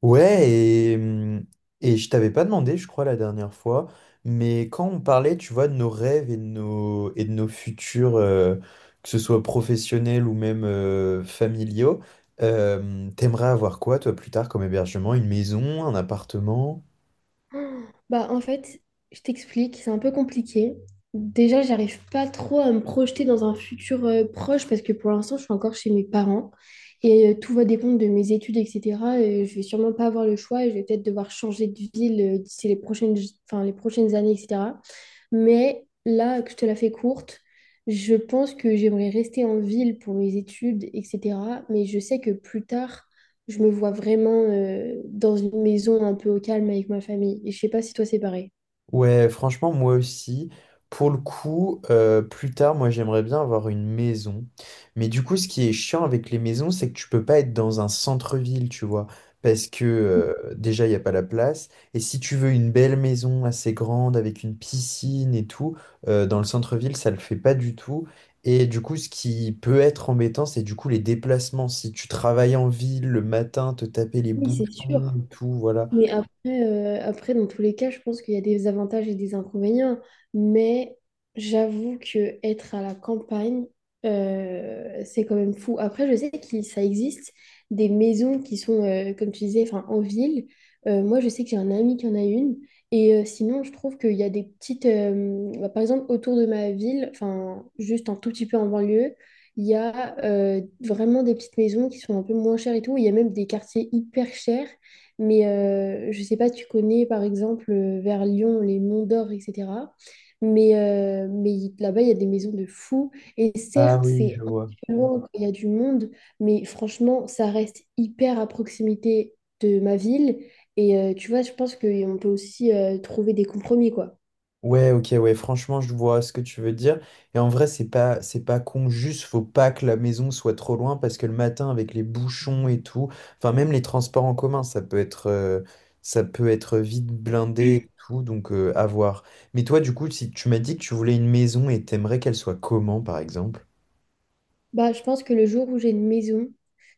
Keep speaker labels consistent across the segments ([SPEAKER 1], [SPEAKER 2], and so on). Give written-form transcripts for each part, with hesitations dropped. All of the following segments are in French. [SPEAKER 1] Ouais, et je t'avais pas demandé, je crois, la dernière fois, mais quand on parlait, tu vois, de nos rêves et et de nos futurs, que ce soit professionnels ou même familiaux, t'aimerais avoir quoi, toi, plus tard, comme hébergement? Une maison, un appartement?
[SPEAKER 2] Bah, en fait, je t'explique, c'est un peu compliqué. Déjà, j'arrive pas trop à me projeter dans un futur proche parce que pour l'instant, je suis encore chez mes parents et tout va dépendre de mes études, etc. Et je vais sûrement pas avoir le choix et je vais peut-être devoir changer de ville d'ici les prochaines, enfin, les prochaines années, etc. Mais là, que je te la fais courte, je pense que j'aimerais rester en ville pour mes études, etc. Mais je sais que plus tard, je me vois vraiment dans une maison un peu au calme avec ma famille. Et je sais pas si toi, c'est pareil.
[SPEAKER 1] Ouais, franchement, moi aussi. Pour le coup, plus tard, moi, j'aimerais bien avoir une maison. Mais du coup, ce qui est chiant avec les maisons, c'est que tu peux pas être dans un centre-ville, tu vois. Parce que déjà, il n'y a pas la place. Et si tu veux une belle maison assez grande, avec une piscine et tout, dans le centre-ville, ça le fait pas du tout. Et du coup, ce qui peut être embêtant, c'est du coup les déplacements. Si tu travailles en ville le matin, te taper les
[SPEAKER 2] Oui, c'est
[SPEAKER 1] bouchons
[SPEAKER 2] sûr.
[SPEAKER 1] et tout, voilà.
[SPEAKER 2] Mais après, après, dans tous les cas, je pense qu'il y a des avantages et des inconvénients. Mais j'avoue que être à la campagne, c'est quand même fou. Après, je sais que ça existe des maisons qui sont, comme tu disais, enfin, en ville. Moi, je sais que j'ai un ami qui en a une. Et sinon, je trouve qu'il y a des petites... bah, par exemple, autour de ma ville, enfin, juste un tout petit peu en banlieue, il y a vraiment des petites maisons qui sont un peu moins chères et tout. Il y a même des quartiers hyper chers mais je sais pas, tu connais par exemple vers Lyon les Monts d'Or, etc. Mais, là-bas, il y a des maisons de fous. Et
[SPEAKER 1] Ah
[SPEAKER 2] certes,
[SPEAKER 1] oui, je
[SPEAKER 2] c'est un
[SPEAKER 1] vois.
[SPEAKER 2] petit peu loin quand il y a du monde, mais franchement, ça reste hyper à proximité de ma ville. Et tu vois, je pense qu'on peut aussi trouver des compromis, quoi.
[SPEAKER 1] Ouais, ok, ouais, franchement, je vois ce que tu veux dire. Et en vrai, c'est pas con, juste faut pas que la maison soit trop loin parce que le matin, avec les bouchons et tout, enfin, même les transports en commun, ça peut être vite blindé et tout, donc à voir. Mais toi, du coup, si tu m'as dit que tu voulais une maison et t'aimerais qu'elle soit comment, par exemple?
[SPEAKER 2] Bah, je pense que le jour où j'ai une maison,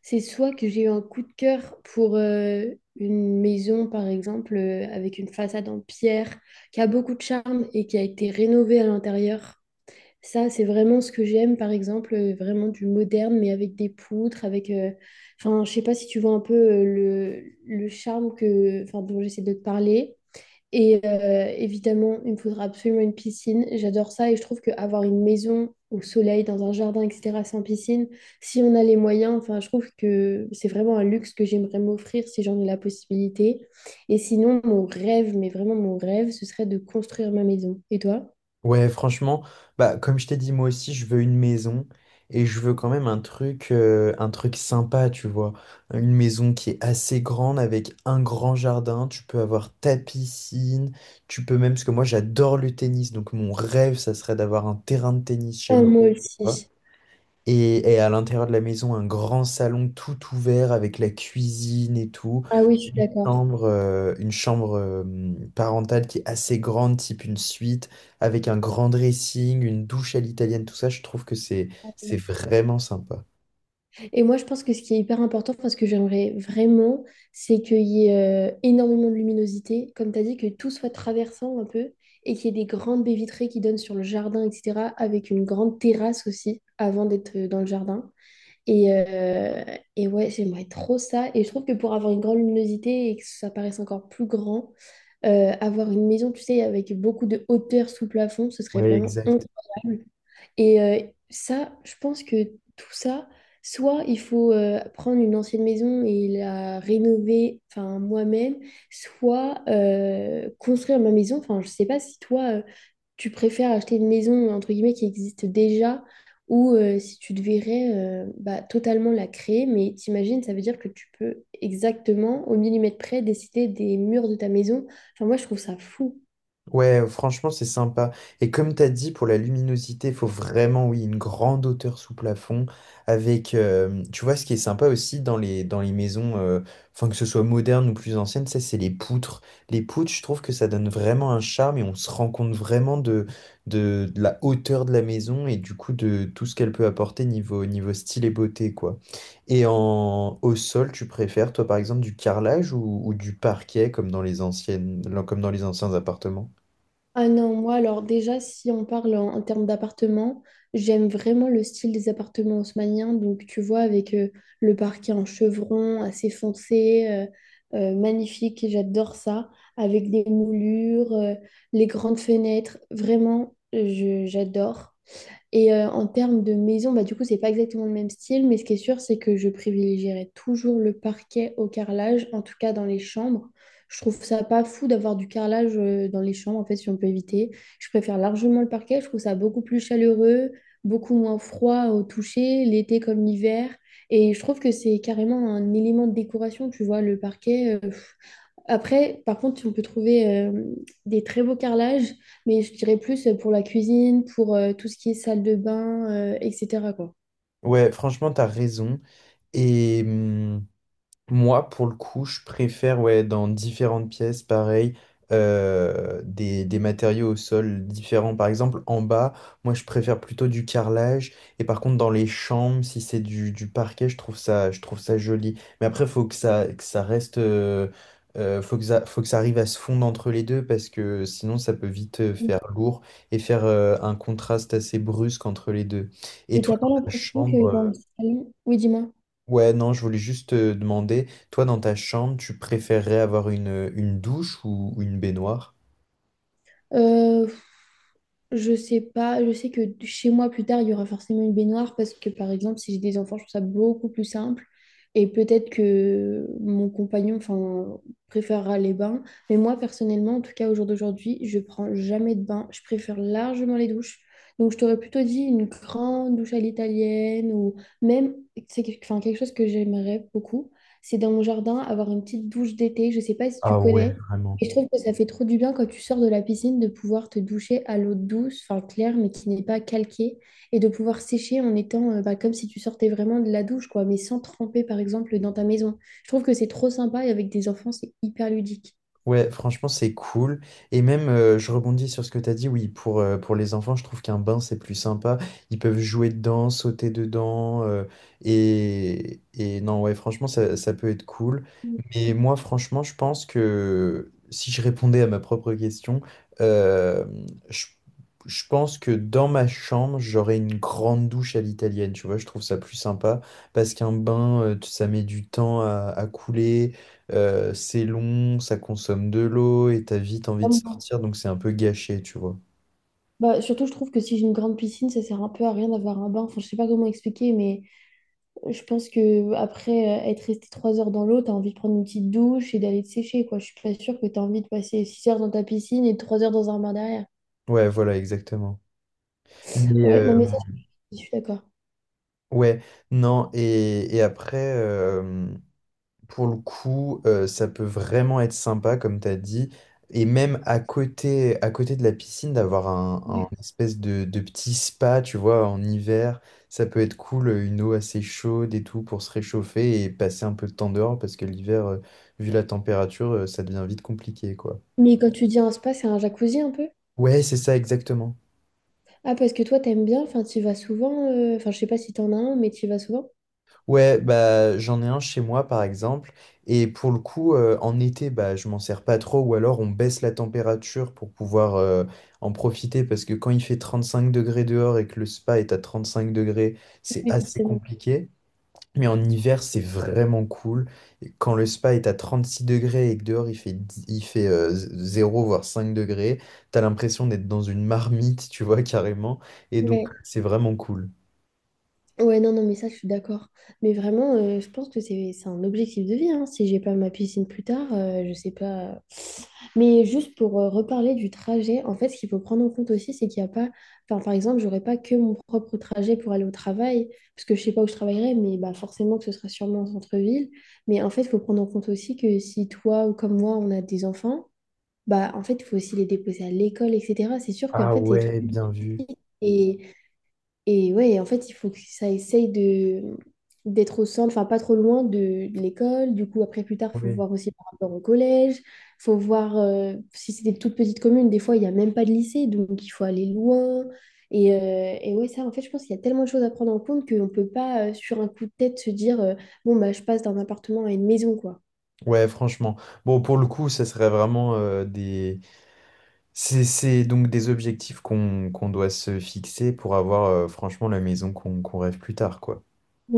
[SPEAKER 2] c'est soit que j'ai eu un coup de cœur pour une maison, par exemple, avec une façade en pierre, qui a beaucoup de charme et qui a été rénovée à l'intérieur. Ça, c'est vraiment ce que j'aime, par exemple, vraiment du moderne, mais avec des poutres, enfin, je sais pas si tu vois un peu le charme que, enfin, dont j'essaie de te parler. Et évidemment, il me faudra absolument une piscine. J'adore ça et je trouve qu'avoir une maison au soleil, dans un jardin, etc., sans piscine, si on a les moyens, enfin, je trouve que c'est vraiment un luxe que j'aimerais m'offrir si j'en ai la possibilité. Et sinon, mon rêve, mais vraiment mon rêve, ce serait de construire ma maison. Et toi?
[SPEAKER 1] Ouais, franchement, bah, comme je t'ai dit, moi aussi, je veux une maison et je veux quand même un truc sympa, tu vois. Une maison qui est assez grande avec un grand jardin. Tu peux avoir ta piscine. Tu peux même, parce que moi, j'adore le tennis. Donc, mon rêve, ça serait d'avoir un terrain de tennis chez
[SPEAKER 2] Ah,
[SPEAKER 1] moi.
[SPEAKER 2] moi aussi.
[SPEAKER 1] Et à l'intérieur de la maison, un grand salon tout ouvert avec la cuisine et tout
[SPEAKER 2] Ah oui, je suis d'accord.
[SPEAKER 1] chambre, une chambre parentale qui est assez grande, type une suite, avec un grand dressing, une douche à l'italienne, tout ça, je trouve que c'est vraiment sympa.
[SPEAKER 2] Et moi, je pense que ce qui est hyper important, enfin, ce que j'aimerais vraiment, c'est qu'il y ait énormément de luminosité, comme tu as dit, que tout soit traversant un peu, et qu'il y ait des grandes baies vitrées qui donnent sur le jardin, etc., avec une grande terrasse aussi, avant d'être dans le jardin. Et, euh, et ouais, j'aimerais trop ça. Et je trouve que pour avoir une grande luminosité et que ça paraisse encore plus grand, avoir une maison, tu sais, avec beaucoup de hauteur sous plafond, ce serait
[SPEAKER 1] Ouais,
[SPEAKER 2] vraiment
[SPEAKER 1] exact.
[SPEAKER 2] incroyable. Et ça, je pense que tout ça, soit il faut prendre une ancienne maison et la rénover, enfin moi-même, soit construire ma maison. Enfin, je sais pas si toi, tu préfères acheter une maison entre guillemets qui existe déjà ou si tu devrais bah, totalement la créer. Mais t'imagines, ça veut dire que tu peux exactement au millimètre près décider des murs de ta maison. Enfin, moi, je trouve ça fou.
[SPEAKER 1] Ouais, franchement, c'est sympa. Et comme tu as dit, pour la luminosité, il faut vraiment, oui, une grande hauteur sous plafond. Avec, tu vois, ce qui est sympa aussi dans les maisons, enfin, que ce soit moderne ou plus ancienne, ça, c'est les poutres. Les poutres, je trouve que ça donne vraiment un charme et on se rend compte vraiment de la hauteur de la maison et du coup de tout ce qu'elle peut apporter niveau style et beauté, quoi. Et au sol, tu préfères, toi, par exemple, du carrelage ou du parquet comme dans les anciennes, comme dans les anciens appartements?
[SPEAKER 2] Ah non, moi alors déjà si on parle en termes d'appartements, j'aime vraiment le style des appartements haussmanniens, donc tu vois avec le parquet en chevron assez foncé, magnifique, et j'adore ça, avec des moulures, les grandes fenêtres, vraiment j'adore. Et en termes de maison, bah, du coup, c'est pas exactement le même style, mais ce qui est sûr, c'est que je privilégierais toujours le parquet au carrelage, en tout cas dans les chambres. Je trouve ça pas fou d'avoir du carrelage dans les chambres, en fait, si on peut éviter. Je préfère largement le parquet, je trouve ça beaucoup plus chaleureux, beaucoup moins froid au toucher, l'été comme l'hiver. Et je trouve que c'est carrément un élément de décoration, tu vois, le parquet. Après, par contre, on peut trouver des très beaux carrelages, mais je dirais plus pour la cuisine, pour tout ce qui est salle de bain, etc., quoi.
[SPEAKER 1] Ouais, franchement, t'as raison. Et moi, pour le coup, je préfère, ouais, dans différentes pièces, pareil, des matériaux au sol différents. Par exemple, en bas, moi, je préfère plutôt du carrelage. Et par contre, dans les chambres, si c'est du parquet, je trouve ça joli. Mais après, faut que ça reste, faut que ça arrive à se fondre entre les deux parce que sinon, ça peut vite faire lourd et faire un contraste assez brusque entre les deux. Et
[SPEAKER 2] Mais
[SPEAKER 1] toi,
[SPEAKER 2] t'as pas
[SPEAKER 1] dans ta
[SPEAKER 2] l'impression que dans le
[SPEAKER 1] chambre.
[SPEAKER 2] salon, oui, dis-moi.
[SPEAKER 1] Ouais, non, je voulais juste te demander, toi dans ta chambre, tu préférerais avoir une douche ou une baignoire?
[SPEAKER 2] Euh, Je sais pas, je sais que chez moi plus tard, il y aura forcément une baignoire parce que par exemple, si j'ai des enfants, je trouve ça beaucoup plus simple. Et peut-être que mon compagnon, enfin, préférera les bains. Mais moi, personnellement, en tout cas au jour d'aujourd'hui, je prends jamais de bain. Je préfère largement les douches. Donc, je t'aurais plutôt dit une grande douche à l'italienne ou même, c'est quelque enfin, quelque chose que j'aimerais beaucoup. C'est dans mon jardin avoir une petite douche d'été. Je sais pas si tu
[SPEAKER 1] Ah ouais,
[SPEAKER 2] connais.
[SPEAKER 1] vraiment.
[SPEAKER 2] Et je trouve que ça fait trop du bien quand tu sors de la piscine de pouvoir te doucher à l'eau douce, enfin claire, mais qui n'est pas calquée, et de pouvoir sécher en étant bah, comme si tu sortais vraiment de la douche, quoi, mais sans tremper, par exemple, dans ta maison. Je trouve que c'est trop sympa et avec des enfants, c'est hyper ludique.
[SPEAKER 1] Ouais, franchement, c'est cool. Et même, je rebondis sur ce que tu as dit, oui, pour les enfants, je trouve qu'un bain, c'est plus sympa. Ils peuvent jouer dedans, sauter dedans. Et non, ouais, franchement, ça peut être cool. Mais moi, franchement, je pense que si je répondais à ma propre question, euh, je, je pense que dans ma chambre, j'aurais une grande douche à l'italienne. Tu vois, je trouve ça plus sympa parce qu'un bain, ça met du temps à couler. C'est long, ça consomme de l'eau et t'as vite envie de
[SPEAKER 2] Moi.
[SPEAKER 1] sortir, donc c'est un peu gâché, tu vois.
[SPEAKER 2] Bah, surtout, je trouve que si j'ai une grande piscine, ça sert un peu à rien d'avoir un bain. Enfin, je sais pas comment expliquer, mais je pense que après être resté 3 heures dans l'eau, t'as envie de prendre une petite douche et d'aller te sécher, quoi. Je suis pas sûre que t'as envie de passer 6 heures dans ta piscine et 3 heures dans un bain derrière.
[SPEAKER 1] Ouais, voilà, exactement. Mais
[SPEAKER 2] Ouais, non, mais ça, je suis d'accord.
[SPEAKER 1] ouais, non, et après, pour le coup, ça peut vraiment être sympa, comme t'as dit, et même à côté de la piscine, d'avoir
[SPEAKER 2] Ouais.
[SPEAKER 1] un espèce de petit spa, tu vois, en hiver, ça peut être cool, une eau assez chaude et tout pour se réchauffer et passer un peu de temps dehors, parce que l'hiver, vu la température, ça devient vite compliqué, quoi.
[SPEAKER 2] Mais quand tu dis un spa, c'est un jacuzzi un peu?
[SPEAKER 1] Ouais, c'est ça exactement.
[SPEAKER 2] Ah, parce que toi, t'aimes bien, enfin, t'y vas souvent. Enfin, je sais pas si t'en as un, mais t'y vas souvent.
[SPEAKER 1] Ouais, bah j'en ai un chez moi par exemple. Et pour le coup, en été, bah je m'en sers pas trop, ou alors on baisse la température pour pouvoir en profiter, parce que quand il fait 35 degrés dehors et que le spa est à 35 degrés, c'est
[SPEAKER 2] Oui,
[SPEAKER 1] assez
[SPEAKER 2] forcément.
[SPEAKER 1] compliqué. Mais en hiver, c'est vraiment cool. Et quand le spa est à 36 degrés et que dehors il fait, il fait 0 voire 5 degrés, t'as l'impression d'être dans une marmite, tu vois, carrément. Et donc,
[SPEAKER 2] Ouais.
[SPEAKER 1] c'est vraiment cool.
[SPEAKER 2] Ouais, non, non, mais ça, je suis d'accord. Mais vraiment, je pense que c'est un objectif de vie, hein. Si j'ai pas ma piscine plus tard, je sais pas. Mais juste pour reparler du trajet, en fait, ce qu'il faut prendre en compte aussi, c'est qu'il n'y a pas, enfin, par exemple, j'aurais pas que mon propre trajet pour aller au travail, parce que je sais pas où je travaillerai, mais bah, forcément que ce sera sûrement en centre-ville. Mais en fait, il faut prendre en compte aussi que si toi ou comme moi, on a des enfants, bah, en fait, il faut aussi les déposer à l'école, etc. C'est sûr qu'en
[SPEAKER 1] Ah
[SPEAKER 2] fait, c'est toute
[SPEAKER 1] ouais,
[SPEAKER 2] une...
[SPEAKER 1] bien vu.
[SPEAKER 2] Et ouais, en fait, il faut que ça essaye de d'être au centre, enfin pas trop loin de l'école. Du coup, après, plus tard, faut
[SPEAKER 1] Oui.
[SPEAKER 2] voir aussi par rapport au collège. Faut voir si c'est des toutes petites communes. Des fois, il n'y a même pas de lycée, donc il faut aller loin. Et ouais, ça, en fait, je pense qu'il y a tellement de choses à prendre en compte qu'on ne peut pas, sur un coup de tête, se dire, bon, bah, je passe d'un appartement à une maison, quoi.
[SPEAKER 1] Ouais, franchement. Bon, pour le coup, ça serait vraiment des. C'est donc des objectifs qu'on doit se fixer pour avoir franchement la maison qu'on rêve plus tard, quoi.